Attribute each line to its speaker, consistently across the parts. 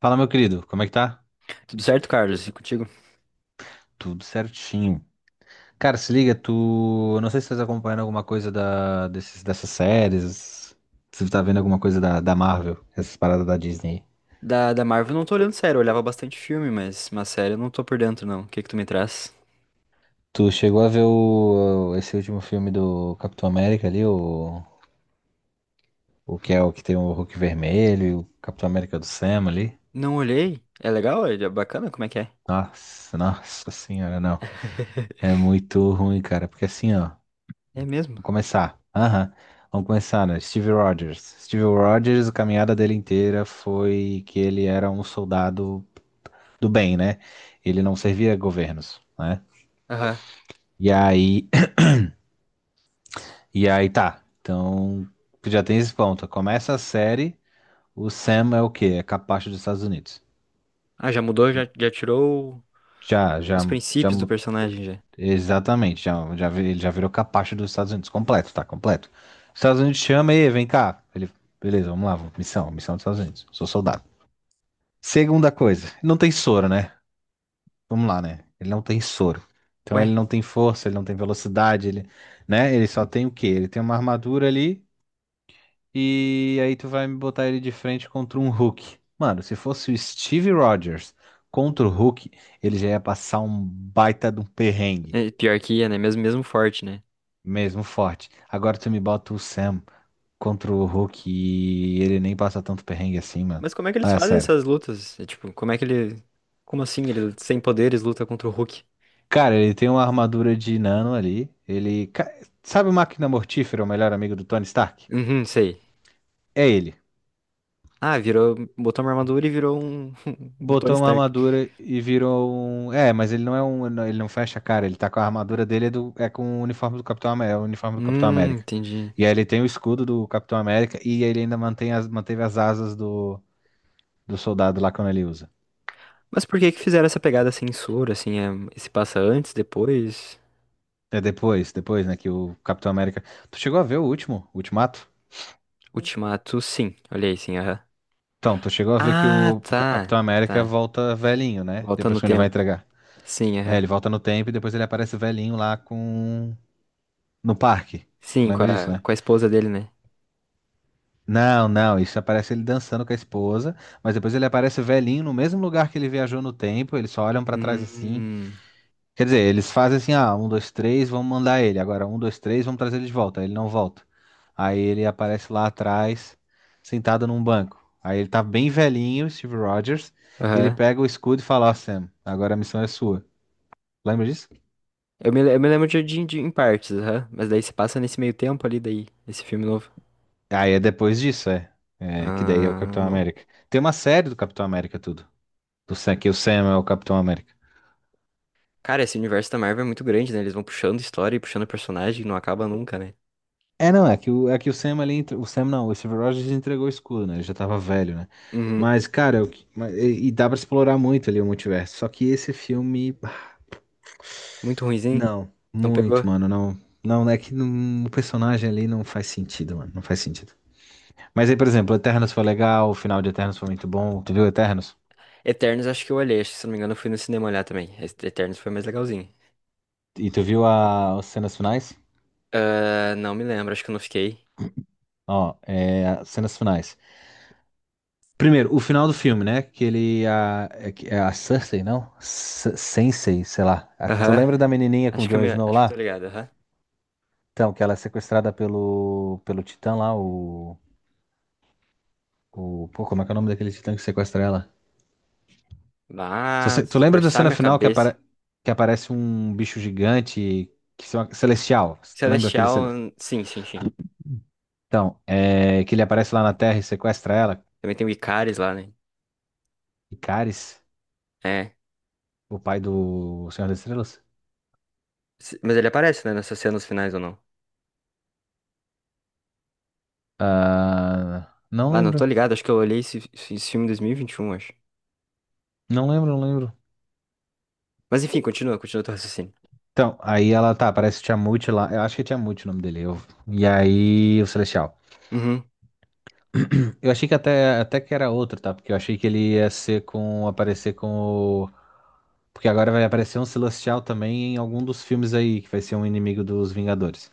Speaker 1: Fala, meu querido, como é que tá?
Speaker 2: Tudo certo, Carlos? E contigo?
Speaker 1: Tudo certinho. Cara, se liga, tu. Eu não sei se tu tá acompanhando alguma coisa dessas séries. Se tu tá vendo alguma coisa da Marvel, essas paradas da Disney.
Speaker 2: Da Marvel eu não tô olhando sério, eu olhava bastante filme, mas uma série eu não tô por dentro, não. O que que tu me traz?
Speaker 1: Tu chegou a ver esse último filme do Capitão América ali, o que tem o Hulk vermelho, e o Capitão América do Sam ali?
Speaker 2: Não olhei? É legal? É bacana? Como é que é?
Speaker 1: Nossa, Nossa Senhora, não. É muito ruim, cara, porque assim, ó.
Speaker 2: É mesmo?
Speaker 1: Vamos começar. Aham. Vamos começar, né? Steve Rogers. Steve Rogers, a caminhada dele inteira foi que ele era um soldado do bem, né? Ele não servia governos, né?
Speaker 2: Aham.
Speaker 1: E aí, e aí, tá. Então, tu já tem esse ponto. Começa a série, o Sam é o quê? É capacho dos Estados Unidos.
Speaker 2: Ah, já mudou? Já tirou
Speaker 1: Já, já,
Speaker 2: os
Speaker 1: já,
Speaker 2: princípios do
Speaker 1: mu-
Speaker 2: personagem, já.
Speaker 1: Exatamente, ele já virou capacho dos Estados Unidos, completo, tá, completo. Os Estados Unidos chama e vem cá. Beleza, vamos lá, missão, missão dos Estados Unidos, sou soldado. Segunda coisa, ele não tem soro, né? Vamos lá, né? Ele não tem soro. Então
Speaker 2: Ué,
Speaker 1: ele não tem força, ele não tem velocidade, ele, né? Ele só tem o quê? Ele tem uma armadura ali e aí tu vai me botar ele de frente contra um Hulk. Mano, se fosse o Steve Rogers contra o Hulk, ele já ia passar um baita de um perrengue,
Speaker 2: é pior que ia, né? Mesmo, mesmo forte, né?
Speaker 1: mesmo forte. Agora tu me bota o Sam contra o Hulk e ele nem passa tanto perrengue assim, mano.
Speaker 2: Mas como é que
Speaker 1: Ah,
Speaker 2: eles
Speaker 1: é
Speaker 2: fazem
Speaker 1: sério.
Speaker 2: essas lutas? É, tipo, como é que ele. Como assim? Ele, sem poderes, luta contra o Hulk?
Speaker 1: Cara, ele tem uma armadura de nano ali. Sabe o Máquina Mortífera, o melhor amigo do Tony Stark?
Speaker 2: Uhum, sei.
Speaker 1: É ele.
Speaker 2: Ah, virou. Botou uma armadura e virou um, um Tony
Speaker 1: Botou uma
Speaker 2: Stark.
Speaker 1: armadura e virou um. É, mas ele não é um. Ele não fecha a cara, ele tá com a armadura dele, é, é com o uniforme do Capitão América. É o uniforme do Capitão América.
Speaker 2: Entendi.
Speaker 1: E aí ele tem o escudo do Capitão América e ele ainda mantém manteve as asas do soldado lá quando ele usa.
Speaker 2: Mas por que que fizeram essa pegada censura, assim, é, se passa antes, depois?
Speaker 1: É depois, depois, né, que o Capitão América. Tu chegou a ver o último, o Ultimato?
Speaker 2: Ultimato, sim. Olha aí, sim, aham.
Speaker 1: Então, tu chegou a ver que
Speaker 2: Ah,
Speaker 1: o
Speaker 2: tá,
Speaker 1: Capitão América
Speaker 2: tá.
Speaker 1: volta velhinho, né?
Speaker 2: Volta no
Speaker 1: Depois que ele vai
Speaker 2: tempo.
Speaker 1: entregar.
Speaker 2: Sim,
Speaker 1: É,
Speaker 2: aham.
Speaker 1: ele volta no tempo e depois ele aparece velhinho lá com. No parque. Tu
Speaker 2: Sim, com
Speaker 1: lembra disso,
Speaker 2: a,
Speaker 1: né?
Speaker 2: com a esposa dele, né?
Speaker 1: Não, não, isso aparece ele dançando com a esposa, mas depois ele aparece velhinho no mesmo lugar que ele viajou no tempo, eles só olham pra trás assim.
Speaker 2: Hum,
Speaker 1: Quer dizer, eles fazem assim, ah, um, dois, três, vamos mandar ele. Agora, um, dois, três, vamos trazer ele de volta. Aí ele não volta. Aí ele aparece lá atrás, sentado num banco. Aí ele tá bem velhinho, Steve Rogers, e ele
Speaker 2: aham.
Speaker 1: pega o escudo e fala: ó, Sam, agora a missão é sua. Lembra disso?
Speaker 2: Eu me lembro de em partes, aham. Mas daí se passa nesse meio tempo ali, daí, esse filme novo.
Speaker 1: Aí é depois disso, é. É, que daí é o
Speaker 2: Ah,
Speaker 1: Capitão
Speaker 2: bom.
Speaker 1: América. Tem uma série do Capitão América tudo. Do Sam, que o Sam é o Capitão América.
Speaker 2: Cara, esse universo da Marvel é muito grande, né? Eles vão puxando história e puxando personagem, não acaba nunca, né?
Speaker 1: É, não, é que o Sam ali, o Sam não, o Steve Rogers entregou o escudo, né? Ele já tava velho, né?
Speaker 2: Uhum.
Speaker 1: Mas, cara, e dá pra explorar muito ali o multiverso. Só que esse filme, bah,
Speaker 2: Muito ruinzinho.
Speaker 1: não,
Speaker 2: Não pegou?
Speaker 1: muito, mano, não. Não, é que não- o personagem ali não faz sentido, mano, não faz sentido. Mas aí, por exemplo, Eternos foi legal, o final de Eternos foi muito bom. Tu viu Eternos?
Speaker 2: Eternos acho que eu olhei, acho que se não me engano eu fui no cinema olhar também. Esse Eternos foi mais legalzinho.
Speaker 1: E tu viu as cenas finais?
Speaker 2: Ah, não me lembro, acho que eu não fiquei.
Speaker 1: Ó, é, as cenas finais. Primeiro, o final do filme, né? Que ele. A, é, que- É a Cersei, não? S Sensei, sei lá. Ah, tu
Speaker 2: Aham.
Speaker 1: lembra da menininha com o
Speaker 2: Acho que eu
Speaker 1: Jon
Speaker 2: me,
Speaker 1: Snow
Speaker 2: acho que eu tô
Speaker 1: lá?
Speaker 2: ligado, aham.
Speaker 1: Então, que ela é sequestrada pelo Titã lá, o. Pô, como é que é o nome daquele Titã que sequestra ela? Se você- Tu
Speaker 2: Mas,
Speaker 1: lembra da
Speaker 2: forçar
Speaker 1: cena
Speaker 2: minha
Speaker 1: final que,
Speaker 2: cabeça.
Speaker 1: apare, que aparece um bicho gigante que se celestial? Tu lembra
Speaker 2: Celestial, sim, sim, sim.
Speaker 1: Então, é, que ele aparece lá na Terra e sequestra ela?
Speaker 2: Também tem o Icaris lá, né?
Speaker 1: Icaris,
Speaker 2: É.
Speaker 1: o pai do Senhor das Estrelas?
Speaker 2: Mas ele aparece, né, nessas cenas finais ou não?
Speaker 1: Ah, não
Speaker 2: Ah, não, tô
Speaker 1: lembro.
Speaker 2: ligado, acho que eu olhei esse filme em 2021 acho.
Speaker 1: Não lembro, não lembro.
Speaker 2: Mas enfim, continua, continua teu raciocínio.
Speaker 1: Então, aí ela tá, parece Tiamut lá. Eu acho que é Tiamut o nome dele. E aí, o Celestial.
Speaker 2: Uhum,
Speaker 1: Eu achei que até que era outro, tá? Porque eu achei que ele ia ser com. Aparecer com o. Porque agora vai aparecer um Celestial também em algum dos filmes aí, que vai ser um inimigo dos Vingadores.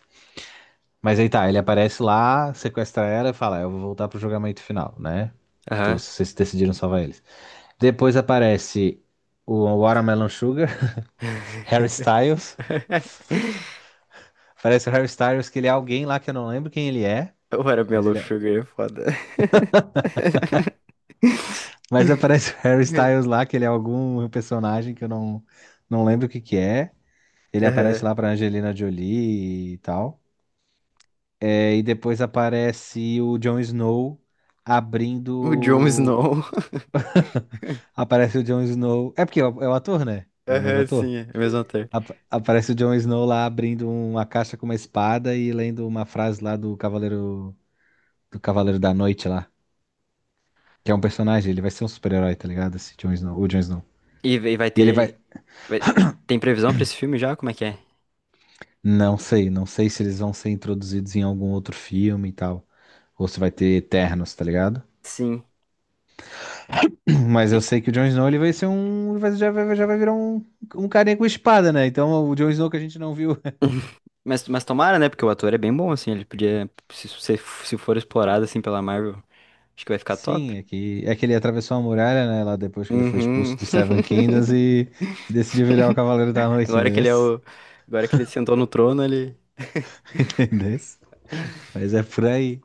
Speaker 1: Mas aí tá, ele aparece lá, sequestra ela e fala: eu vou voltar pro julgamento final, né?
Speaker 2: aham.
Speaker 1: Vocês decidiram salvar eles. Depois aparece o Watermelon Sugar, Harry Styles. Aparece o Harry Styles, que ele é alguém lá que eu não lembro quem
Speaker 2: Eu era Mellow
Speaker 1: ele é...
Speaker 2: Sugar, é foda.
Speaker 1: Mas aparece o Harry Styles lá, que ele é algum personagem que eu não, não lembro o que que é. Ele aparece
Speaker 2: Aham.
Speaker 1: lá pra Angelina Jolie e tal. É, e depois aparece o Jon Snow
Speaker 2: O Jon
Speaker 1: abrindo.
Speaker 2: Snow.
Speaker 1: Aparece o Jon Snow. É porque é o ator, né? É o mesmo
Speaker 2: Aham,
Speaker 1: ator.
Speaker 2: sim, é a mesma ator.
Speaker 1: Aparece o Jon Snow lá abrindo uma caixa com uma espada e lendo uma frase lá do Cavaleiro da Noite lá. Que é um personagem, ele vai ser um super-herói, tá ligado? Esse Jon Snow, o Jon Snow.
Speaker 2: E vai
Speaker 1: E ele
Speaker 2: ter.
Speaker 1: vai.
Speaker 2: vai- Tem previsão pra esse filme já? Como é que é?
Speaker 1: Não sei, não sei se eles vão ser introduzidos em algum outro filme e tal. Ou se vai ter Eternos, tá ligado?
Speaker 2: Sim.
Speaker 1: Mas
Speaker 2: E-
Speaker 1: eu sei que o Jon Snow, ele vai ser um. Vai- já, vai, já vai virar um carinha com espada, né? Então o Jon Snow que a gente não viu.
Speaker 2: mas tomara, né? Porque o ator é bem bom, assim. Ele podia. Se for explorado, assim, pela Marvel, acho que vai ficar
Speaker 1: Sim,
Speaker 2: top.
Speaker 1: é que ele atravessou a muralha, né? Lá depois que ele foi
Speaker 2: Uhum.
Speaker 1: expulso do Seven Kingdoms e decidiu virar o Cavaleiro da Noite,
Speaker 2: Agora que
Speaker 1: entendeu?
Speaker 2: ele é o. Agora que ele sentou no trono, ele.
Speaker 1: Entendeu? Mas é por aí.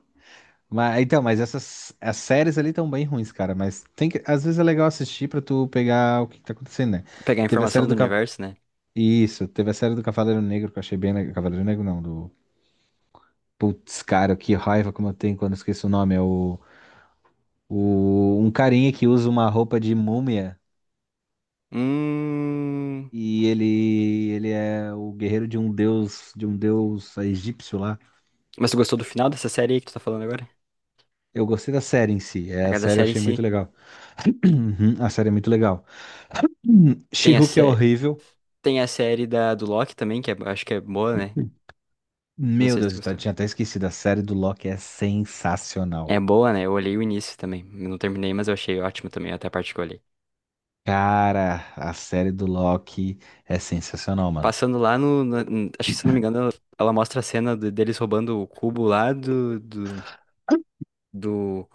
Speaker 1: Mas, então, mas essas as séries ali estão bem ruins, cara. Mas tem que, às vezes é legal assistir pra tu pegar o que, que tá acontecendo, né?
Speaker 2: Pegar a
Speaker 1: Teve a
Speaker 2: informação
Speaker 1: série
Speaker 2: do
Speaker 1: do. Ca-
Speaker 2: universo, né?
Speaker 1: Isso, teve a série do Cavaleiro Negro que eu achei bem. Cavaleiro Negro não, do. Putz, cara, que raiva como eu tenho quando eu esqueço o nome. É o. Um carinha que usa uma roupa de múmia
Speaker 2: Hum.
Speaker 1: Ele é o guerreiro de um deus. De um deus egípcio lá.
Speaker 2: Mas tu gostou do final dessa série aí que tu tá falando agora?
Speaker 1: Eu gostei da série em si.
Speaker 2: A
Speaker 1: É, a
Speaker 2: cada
Speaker 1: série eu
Speaker 2: série em
Speaker 1: achei
Speaker 2: si.
Speaker 1: muito legal. A série é muito legal.
Speaker 2: Tem a,
Speaker 1: She-Hulk é
Speaker 2: sé...
Speaker 1: horrível.
Speaker 2: Tem a série da, do Loki também, que é, acho que é boa, né? Não
Speaker 1: Meu
Speaker 2: sei se
Speaker 1: Deus,
Speaker 2: tu gostou.
Speaker 1: tinha até esquecido. A série do Loki é
Speaker 2: É
Speaker 1: sensacional.
Speaker 2: boa, né? Eu olhei o início também. Eu não terminei, mas eu achei ótimo também, até a parte que eu olhei.
Speaker 1: Cara, a série do Loki é sensacional, mano.
Speaker 2: Passando lá no... no- n- Acho que, se eu não me engano, ela mostra a cena deles roubando o cubo lá do...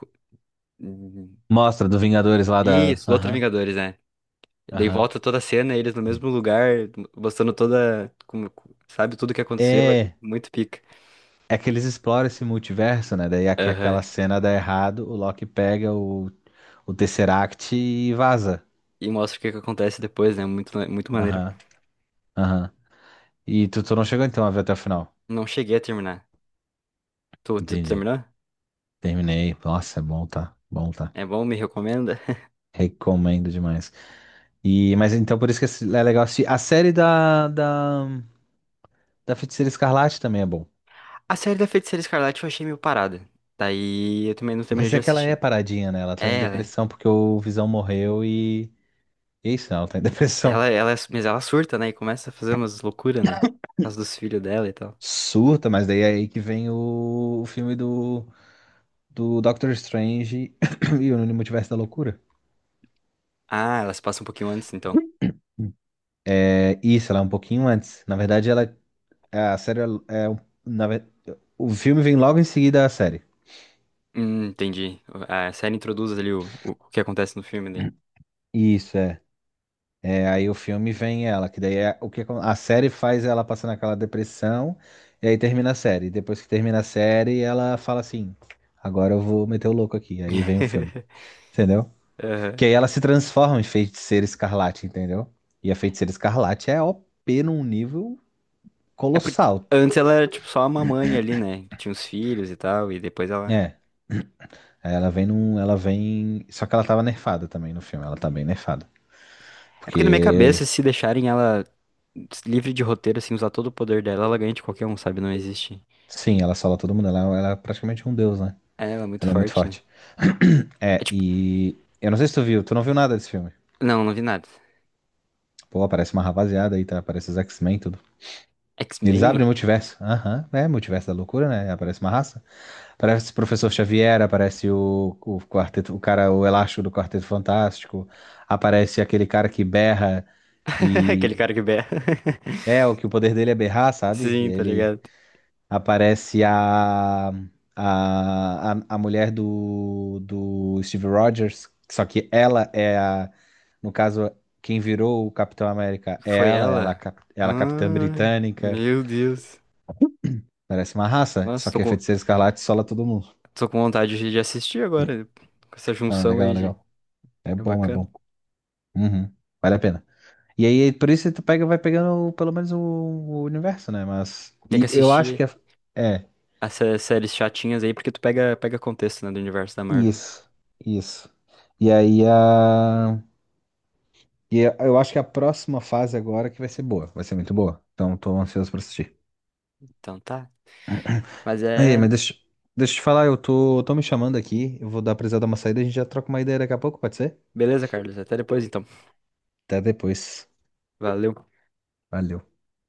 Speaker 1: Mostra do Vingadores lá da.
Speaker 2: Isso, do outro
Speaker 1: Aham,
Speaker 2: Vingadores, né? Daí
Speaker 1: aham.
Speaker 2: volta toda a cena, eles no mesmo lugar, mostrando Sabe, tudo que aconteceu ali.
Speaker 1: É,
Speaker 2: Muito pica.
Speaker 1: é que eles exploram esse multiverso, né? Daí aqui
Speaker 2: Aham.
Speaker 1: aquela cena dá errado, o Loki pega o Tesseract e vaza.
Speaker 2: E mostra o que que acontece depois, né? Muito, muito maneiro.
Speaker 1: Aham, aham. E tu não chegou então a ver até o final?
Speaker 2: Não cheguei a terminar. Tu
Speaker 1: Entendi.
Speaker 2: terminou?
Speaker 1: Terminei. Nossa, é bom, tá? Bom, tá?
Speaker 2: É bom? Me recomenda?
Speaker 1: Recomendo demais. E, mas então por isso que é legal assistir. A série da Feiticeira Escarlate também é bom.
Speaker 2: A série da Feiticeira Escarlate eu achei meio parada. Daí eu também não terminei
Speaker 1: Mas
Speaker 2: de
Speaker 1: é que ela é
Speaker 2: assistir.
Speaker 1: paradinha, né? Ela tá em
Speaker 2: É, ela, é-
Speaker 1: depressão porque o Visão morreu e é isso, né? Ela tá em depressão.
Speaker 2: mas ela surta, né? E começa a fazer umas loucuras, né? Por causa dos filhos dela e tal.
Speaker 1: Surta, mas daí é aí que vem o filme do Doctor Strange e o Multiverso da Loucura.
Speaker 2: Ah, ela se passa um pouquinho antes, então.
Speaker 1: É isso, ela é um pouquinho antes. Na verdade, ela a série é. é um- na, ve- o filme vem logo em seguida à série.
Speaker 2: Entendi. A série introduz ali o que acontece no filme daí.
Speaker 1: Isso, é. É, aí o filme vem ela, que daí é, a série faz ela passar naquela depressão, e aí termina a série. Depois que termina a série, ela fala assim: agora eu vou meter o louco aqui. Aí vem o filme, entendeu? Que
Speaker 2: Aham.
Speaker 1: aí ela se transforma em feiticeira escarlate, entendeu? E a feiticeira escarlate é o p num nível
Speaker 2: É porque
Speaker 1: colossal.
Speaker 2: antes ela era tipo só uma mãe ali, né? que tinha os filhos e tal, e depois ela.
Speaker 1: É, aí ela ela vem, só que ela tava nerfada também no filme, ela tá bem nerfada.
Speaker 2: É porque na minha
Speaker 1: Porque,
Speaker 2: cabeça, se deixarem ela livre de roteiro, assim, usar todo o poder dela, ela ganha de qualquer um, sabe? Não existe.
Speaker 1: sim, ela sola todo mundo, ela é praticamente um deus, né?
Speaker 2: É, ela é muito
Speaker 1: Ela é muito
Speaker 2: forte, né?
Speaker 1: forte.
Speaker 2: É
Speaker 1: É,
Speaker 2: tipo,
Speaker 1: e eu não sei se tu viu, tu não viu nada desse filme.
Speaker 2: não, não vi nada.
Speaker 1: Pô, aparece uma rapaziada aí, tá? Aparece os X-Men e tudo. Eles
Speaker 2: X-Men?
Speaker 1: abrem o multiverso. Aham, é multiverso da loucura, né? Aparece uma raça. Aparece o Professor Xavier, aparece o quarteto, o cara, o elástico do Quarteto Fantástico. Aparece aquele cara que berra
Speaker 2: Aquele
Speaker 1: e
Speaker 2: cara que berra.
Speaker 1: é o que o poder dele é berrar, sabe? E
Speaker 2: Sim, tá
Speaker 1: ele.
Speaker 2: ligado?
Speaker 1: Aparece a mulher do Steve Rogers, só que ela é a, no caso, quem virou o Capitão América é
Speaker 2: Foi
Speaker 1: ela, ela, é a
Speaker 2: ela?
Speaker 1: cap- ela é a Capitã
Speaker 2: Ai,
Speaker 1: Britânica.
Speaker 2: meu Deus.
Speaker 1: Parece uma raça, só
Speaker 2: Nossa, tô
Speaker 1: que a
Speaker 2: com,
Speaker 1: Feiticeira Escarlate sola todo mundo.
Speaker 2: tô com vontade de assistir agora, né? Com essa
Speaker 1: Não, é
Speaker 2: junção
Speaker 1: legal,
Speaker 2: aí
Speaker 1: é
Speaker 2: de.
Speaker 1: legal. É
Speaker 2: É
Speaker 1: bom, é
Speaker 2: bacana.
Speaker 1: bom. Uhum. Vale a pena. E aí, por isso tu pega, vai pegando pelo menos o universo, né? Mas.
Speaker 2: Tem que
Speaker 1: E eu acho que
Speaker 2: assistir
Speaker 1: a- é.
Speaker 2: essas séries chatinhas aí, porque tu pega contexto, né, do universo da Marvel.
Speaker 1: Isso. Isso. E aí a. E eu acho que a próxima fase agora que vai ser boa, vai ser muito boa. Então tô ansioso pra assistir.
Speaker 2: Então tá. Mas
Speaker 1: Ei, mas
Speaker 2: é.
Speaker 1: deixa eu te falar, eu tô me chamando aqui, eu vou dar precisar dar uma saída, a gente já troca uma ideia daqui a pouco, pode ser?
Speaker 2: Beleza, Carlos? Até depois então.
Speaker 1: Até depois.
Speaker 2: Valeu.
Speaker 1: Valeu.